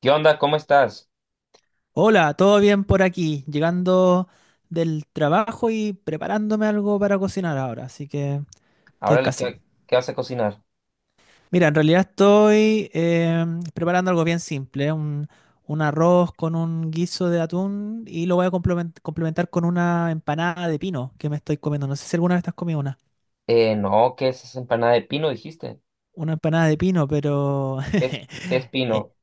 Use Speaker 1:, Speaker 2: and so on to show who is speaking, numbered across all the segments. Speaker 1: ¿Qué onda? ¿Cómo estás?
Speaker 2: Hola, ¿todo bien por aquí? Llegando del trabajo y preparándome algo para cocinar ahora, así que estoy
Speaker 1: Ahora le
Speaker 2: casi.
Speaker 1: qué, qué vas a cocinar?
Speaker 2: Mira, en realidad estoy preparando algo bien simple, un arroz con un guiso de atún y lo voy a complementar con una empanada de pino que me estoy comiendo. No sé si alguna vez te has comido
Speaker 1: No, ¿qué es esa empanada de pino, dijiste?
Speaker 2: una empanada de pino, pero
Speaker 1: Qué es
Speaker 2: eh,
Speaker 1: pino?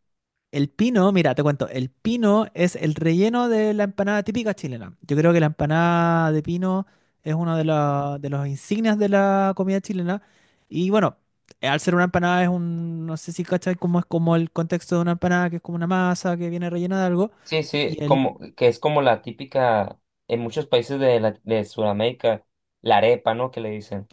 Speaker 2: el pino, mira, te cuento, el pino es el relleno de la empanada típica chilena. Yo creo que la empanada de pino es de los insignias de la comida chilena. Y bueno, al ser una empanada es un, no sé si cachai cómo es como el contexto de una empanada, que es como una masa que viene rellena de algo.
Speaker 1: Sí,
Speaker 2: Y el
Speaker 1: como, que es como la típica en muchos países de Sudamérica, la arepa, ¿no? Que le dicen.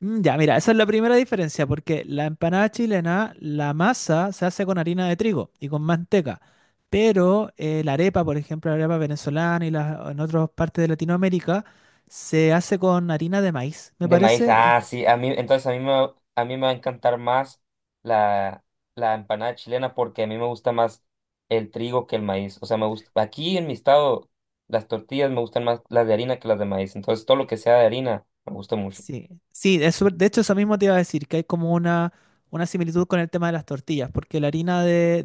Speaker 2: mm, ya, mira, esa es la primera diferencia, porque la empanada chilena, la masa se hace con harina de trigo y con manteca, pero la arepa, por ejemplo, la arepa venezolana en otras partes de Latinoamérica, se hace con harina de maíz, me
Speaker 1: De maíz.
Speaker 2: parece, y
Speaker 1: Ah, sí, a mí, entonces a mí me, va- a mí me va a encantar más la, la empanada chilena porque a mí me gusta más el trigo que el maíz. O sea, me gusta, aquí en mi estado, las tortillas me gustan más las de harina que las de maíz. Entonces, todo lo que sea de harina me gusta mucho.
Speaker 2: sí, sí, es de hecho eso mismo te iba a decir, que hay como una similitud con el tema de las tortillas, porque la harina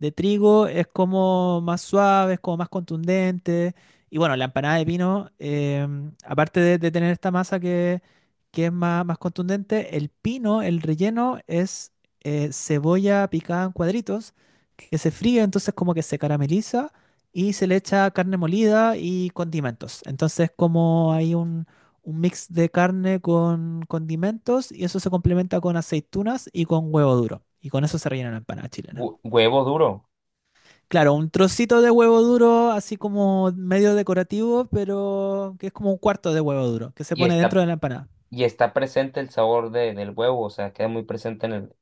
Speaker 2: de trigo es como más suave, es como más contundente. Y bueno, la empanada de pino, aparte de tener esta que es más, más contundente, el pino, el relleno es cebolla picada en cuadritos que se fríe, entonces como que se carameliza y se le echa carne molida y condimentos. Entonces como hay un mix de carne con condimentos y eso se complementa con aceitunas y con huevo duro. Y con eso se rellena la empanada chilena.
Speaker 1: Huevo duro
Speaker 2: Claro, un trocito de huevo duro, así como medio decorativo, pero que es como un cuarto de huevo duro, que se
Speaker 1: y
Speaker 2: pone dentro
Speaker 1: está,
Speaker 2: de la empanada.
Speaker 1: y está presente el sabor del huevo, o sea, queda muy presente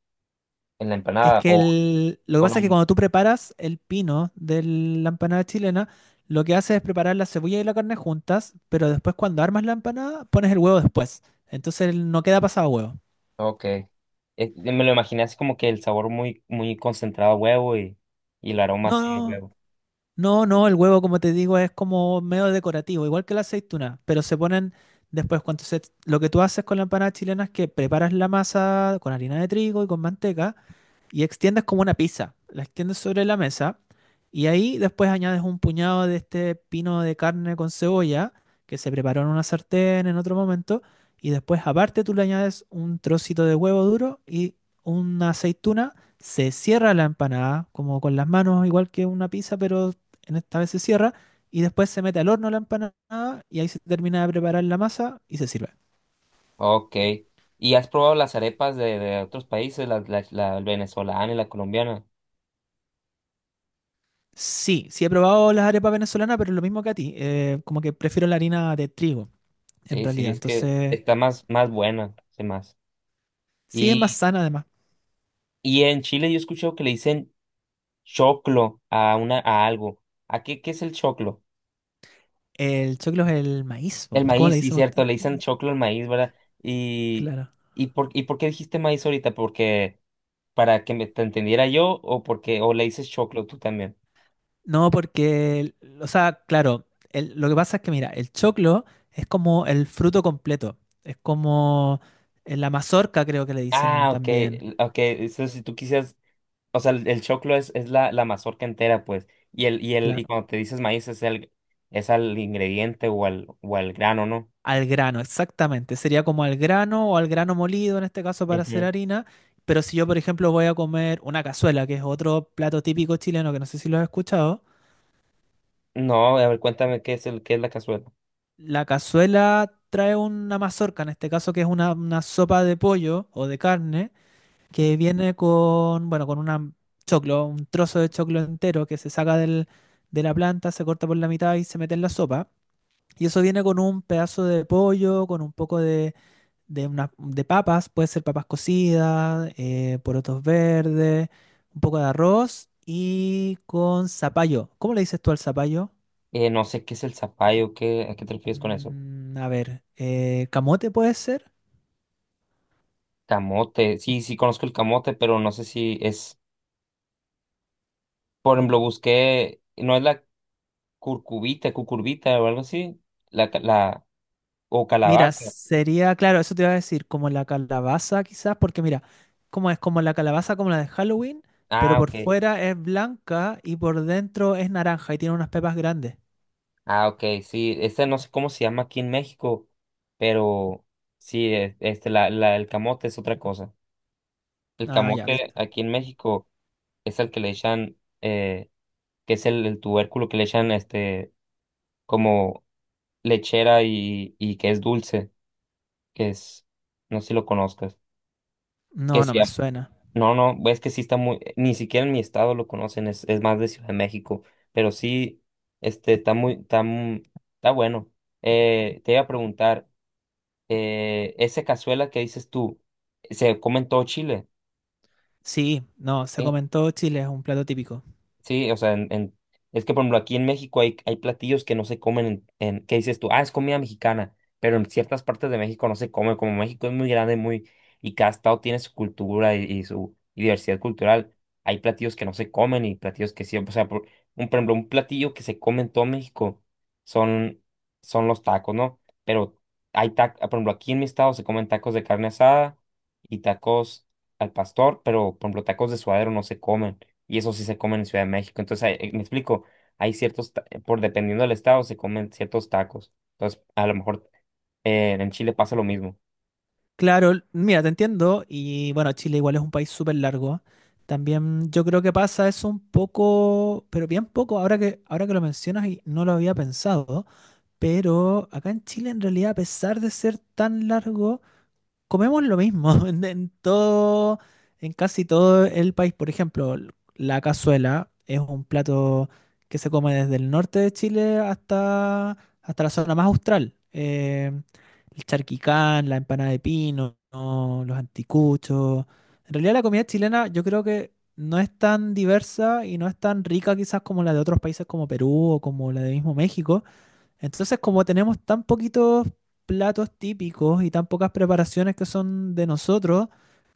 Speaker 1: en la
Speaker 2: Es
Speaker 1: empanada
Speaker 2: que lo que
Speaker 1: o no.
Speaker 2: pasa es que cuando tú preparas el pino de la empanada chilena, lo que haces es preparar la cebolla y la carne juntas, pero después cuando armas la empanada, pones el huevo después. Entonces no queda pasado huevo.
Speaker 1: Ok. Me lo imaginé así como que el sabor muy, muy concentrado a huevo y el aroma
Speaker 2: No,
Speaker 1: así de
Speaker 2: no,
Speaker 1: huevo.
Speaker 2: no, no, el huevo, como te digo, es como medio decorativo, igual que la aceituna, pero se ponen después cuando se... Lo que tú haces con la empanada chilena es que preparas la masa con harina de trigo y con manteca, y extiendes como una pizza. La extiendes sobre la mesa y ahí después añades un puñado de este pino de carne con cebolla que se preparó en una sartén en otro momento y después aparte tú le añades un trocito de huevo duro y una aceituna. Se cierra la empanada como con las manos igual que una pizza pero en esta vez se cierra y después se mete al horno la empanada y ahí se termina de preparar la masa y se sirve.
Speaker 1: Ok. ¿Y has probado las arepas de otros países, la venezolana y la colombiana?
Speaker 2: Sí, sí he probado las arepas venezolanas, pero es lo mismo que a ti. Como que prefiero la harina de trigo. En
Speaker 1: Sí, sí,
Speaker 2: realidad.
Speaker 1: es que
Speaker 2: Entonces,
Speaker 1: está más, más buena, sí, más.
Speaker 2: sí es más
Speaker 1: Y,
Speaker 2: sana además.
Speaker 1: y en Chile yo he escuchado que le dicen choclo a una, a algo. ¿A qué, qué es el choclo?
Speaker 2: El choclo es el maíz, po.
Speaker 1: El
Speaker 2: ¿Cómo le
Speaker 1: maíz, sí,
Speaker 2: dicen
Speaker 1: cierto,
Speaker 2: ustedes?
Speaker 1: le dicen choclo al maíz, ¿verdad? Y,
Speaker 2: Claro.
Speaker 1: por, ¿y por qué dijiste maíz ahorita? ¿Porque para que me, te entendiera yo o porque o le dices choclo tú también?
Speaker 2: No, porque, o sea, claro, lo que pasa es que, mira, el choclo es como el fruto completo. Es como la mazorca, creo que le dicen
Speaker 1: Ah, ok,
Speaker 2: también.
Speaker 1: ok, eso si tú quisieras, o sea, el choclo es, la mazorca entera, pues, y
Speaker 2: Claro.
Speaker 1: cuando te dices maíz es al ingrediente o al grano, ¿no?
Speaker 2: Al grano, exactamente. Sería como al grano o al grano molido, en este caso, para hacer
Speaker 1: Ujú.
Speaker 2: harina. Pero si yo, por ejemplo, voy a comer una cazuela, que es otro plato típico chileno que no sé si lo has escuchado,
Speaker 1: No, a ver, cuéntame qué es el, qué es la cazuela.
Speaker 2: la cazuela trae una mazorca, en este caso que es una sopa de pollo o de carne, que viene con, bueno, con una choclo, un trozo de choclo entero que se saca de la planta, se corta por la mitad y se mete en la sopa. Y eso viene con un pedazo de pollo, con un poco de papas, puede ser papas cocidas, porotos verdes, un poco de arroz y con zapallo. ¿Cómo le dices tú al zapallo?
Speaker 1: No sé qué es el zapallo, qué, ¿a qué te refieres con eso?
Speaker 2: Mm, a ver, ¿camote puede ser?
Speaker 1: Camote, sí, sí conozco el camote, pero no sé si es. Por ejemplo, busqué, no es la curcubita, cucurbita o algo así, la, ca- la, o
Speaker 2: Mira,
Speaker 1: calabaza.
Speaker 2: sería, claro, eso te iba a decir, como la calabaza quizás, porque mira, como es como la calabaza como la de Halloween, pero
Speaker 1: Ah,
Speaker 2: por
Speaker 1: ok.
Speaker 2: fuera es blanca y por dentro es naranja y tiene unas pepas grandes.
Speaker 1: Ah, ok, sí, este no sé cómo se llama aquí en México, pero sí, este, el camote es otra cosa. El
Speaker 2: Ah, ya,
Speaker 1: camote
Speaker 2: viste.
Speaker 1: aquí en México es el que le echan, eh, que es el tubérculo que le echan, este, como lechera y que es dulce, que es, no sé si lo conozcas, que
Speaker 2: No, no
Speaker 1: se
Speaker 2: me
Speaker 1: llama.
Speaker 2: suena.
Speaker 1: No, no, es que sí está muy, ni siquiera en mi estado lo conocen, es más de Ciudad de México, pero sí, este, está muy, está, está bueno. Te iba a preguntar, esa cazuela que dices tú, ¿se come en todo Chile?
Speaker 2: Sí, no, se comentó Chile, es un plato típico.
Speaker 1: Sí, o sea, es que por ejemplo aquí en México hay, hay platillos que no se comen ¿qué dices tú? Ah, es comida mexicana, pero en ciertas partes de México no se come, como México es muy grande, muy, y cada estado tiene su cultura y su y diversidad cultural, hay platillos que no se comen y platillos que sí, o sea, por, un, por ejemplo, un platillo que se come en todo México son, son los tacos, ¿no? Pero hay tacos, por ejemplo, aquí en mi estado se comen tacos de carne asada y tacos al pastor, pero por ejemplo, tacos de suadero no se comen y eso sí se come en Ciudad de México. Entonces, hay- me explico, hay ciertos, por dependiendo del estado, se comen ciertos tacos. Entonces, a lo mejor en Chile pasa lo mismo.
Speaker 2: Claro, mira, te entiendo, y bueno, Chile igual es un país súper largo. También yo creo que pasa eso un poco, pero bien poco, ahora que lo mencionas y no lo había pensado. Pero acá en Chile, en realidad, a pesar de ser tan largo, comemos lo mismo en todo, en casi todo el país. Por ejemplo, la cazuela es un plato que se come desde el norte de Chile hasta la zona más austral. El charquicán, la empanada de pino, ¿no? Los anticuchos. En realidad, la comida chilena yo creo que no es tan diversa y no es tan rica quizás como la de otros países como Perú o como la de mismo México entonces, como tenemos tan poquitos platos típicos y tan pocas preparaciones que son de nosotros,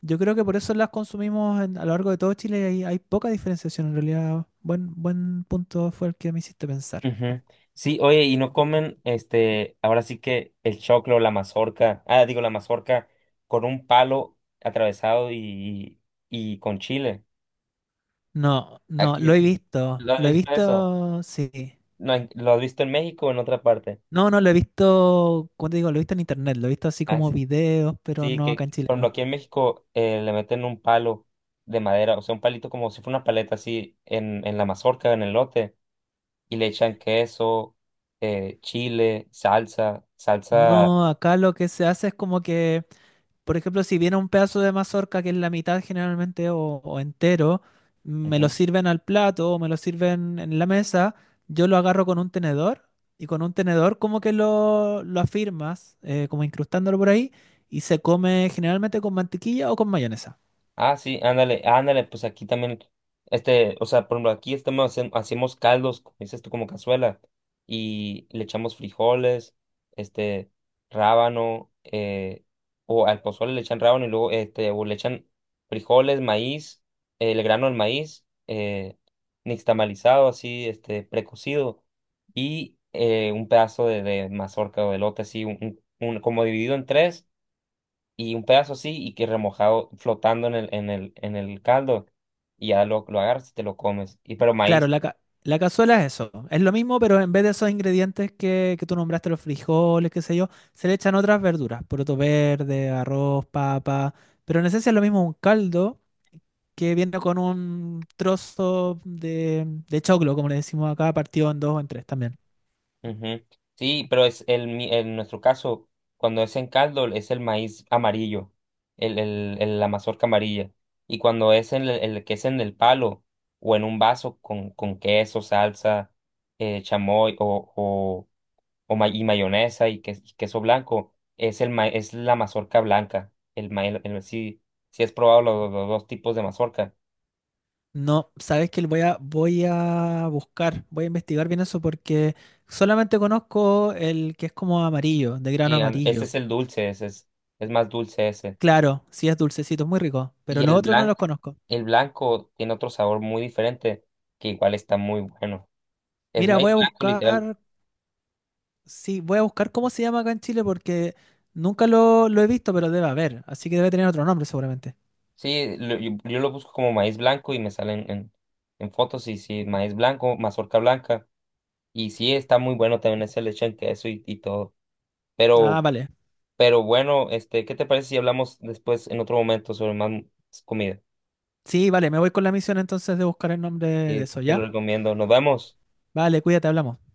Speaker 2: yo creo que por eso las consumimos a lo largo de todo Chile y hay poca diferenciación en realidad. Buen punto fue el que me hiciste pensar.
Speaker 1: Ujú. Sí, oye, y no comen, este, ahora sí que el choclo, la mazorca, ah, digo, la mazorca con un palo atravesado y con chile.
Speaker 2: No, no,
Speaker 1: Aquí, ¿lo has
Speaker 2: lo he
Speaker 1: visto eso?
Speaker 2: visto, sí.
Speaker 1: No, ¿lo has visto en México o en otra parte?
Speaker 2: No, no, lo he visto, ¿cómo te digo? Lo he visto en internet, lo he visto así
Speaker 1: Ah,
Speaker 2: como
Speaker 1: sí.
Speaker 2: videos, pero
Speaker 1: Sí,
Speaker 2: no acá
Speaker 1: que
Speaker 2: en Chile,
Speaker 1: por ejemplo
Speaker 2: no.
Speaker 1: aquí en México le meten un palo de madera, o sea, un palito como si fuera una paleta así en la mazorca, en el lote, y le echan queso, chile, salsa, salsa.
Speaker 2: No, acá lo que se hace es como que por ejemplo, si viene un pedazo de mazorca que es la mitad generalmente o entero, me lo
Speaker 1: Ujú.
Speaker 2: sirven al plato o me lo sirven en la mesa, yo lo agarro con un tenedor y con un tenedor como que lo afirmas, como incrustándolo por ahí, y se come generalmente con mantequilla o con mayonesa.
Speaker 1: Ah, sí, ándale, ándale, pues aquí también, este, o sea, por ejemplo, aquí estamos haciendo, hacemos caldos, como dices tú, como cazuela, y le echamos frijoles, este, rábano, o al pozole le echan rábano y luego, este, o le echan frijoles, maíz, el grano del maíz, nixtamalizado, así, este, precocido, y un pedazo de mazorca o de elote, así, como dividido en tres y un pedazo así y que remojado flotando en el caldo y ya lo agarras y te lo comes. Y pero maíz,
Speaker 2: Claro, la cazuela es eso. Es lo mismo, pero en vez de esos ingredientes que tú nombraste, los frijoles, qué sé yo, se le echan otras verduras, poroto verde, arroz, papa. Pero en esencia es lo mismo un caldo que viene con un trozo de choclo, como le decimos acá, partido en dos o en tres también.
Speaker 1: ujú. Sí, pero es el, en nuestro caso, cuando es en caldo es el maíz amarillo, la mazorca amarilla. Y cuando es en el que es en el palo o en un vaso con queso, salsa, chamoy o, y mayonesa y, y queso blanco, es, es la mazorca blanca. El ma- el- Si, si has probado los dos tipos de mazorca.
Speaker 2: No, sabes que voy a buscar, voy a investigar bien eso porque solamente conozco el que es como amarillo, de grano
Speaker 1: Y ese
Speaker 2: amarillo.
Speaker 1: es el dulce, ese es más dulce ese.
Speaker 2: Claro, sí es dulcecito, es muy rico,
Speaker 1: Y
Speaker 2: pero los otros no los conozco.
Speaker 1: el blanco tiene otro sabor muy diferente, que igual está muy bueno. Es
Speaker 2: Mira,
Speaker 1: maíz
Speaker 2: voy a
Speaker 1: blanco, literal.
Speaker 2: buscar, sí, voy a buscar cómo se llama acá en Chile porque nunca lo he visto, pero debe haber, así que debe tener otro nombre seguramente.
Speaker 1: Sí, yo lo busco como maíz blanco y me salen en fotos y sí, maíz blanco, mazorca blanca. Y sí, está muy bueno también ese leche en queso y todo.
Speaker 2: Ah,
Speaker 1: Pero
Speaker 2: vale.
Speaker 1: Pero bueno, este, ¿qué te parece si hablamos después en otro momento sobre más comida?
Speaker 2: Sí, vale, me voy con la misión entonces de buscar el nombre de
Speaker 1: Y
Speaker 2: eso,
Speaker 1: te lo
Speaker 2: ¿ya?
Speaker 1: recomiendo. Nos vemos.
Speaker 2: Vale, cuídate, hablamos.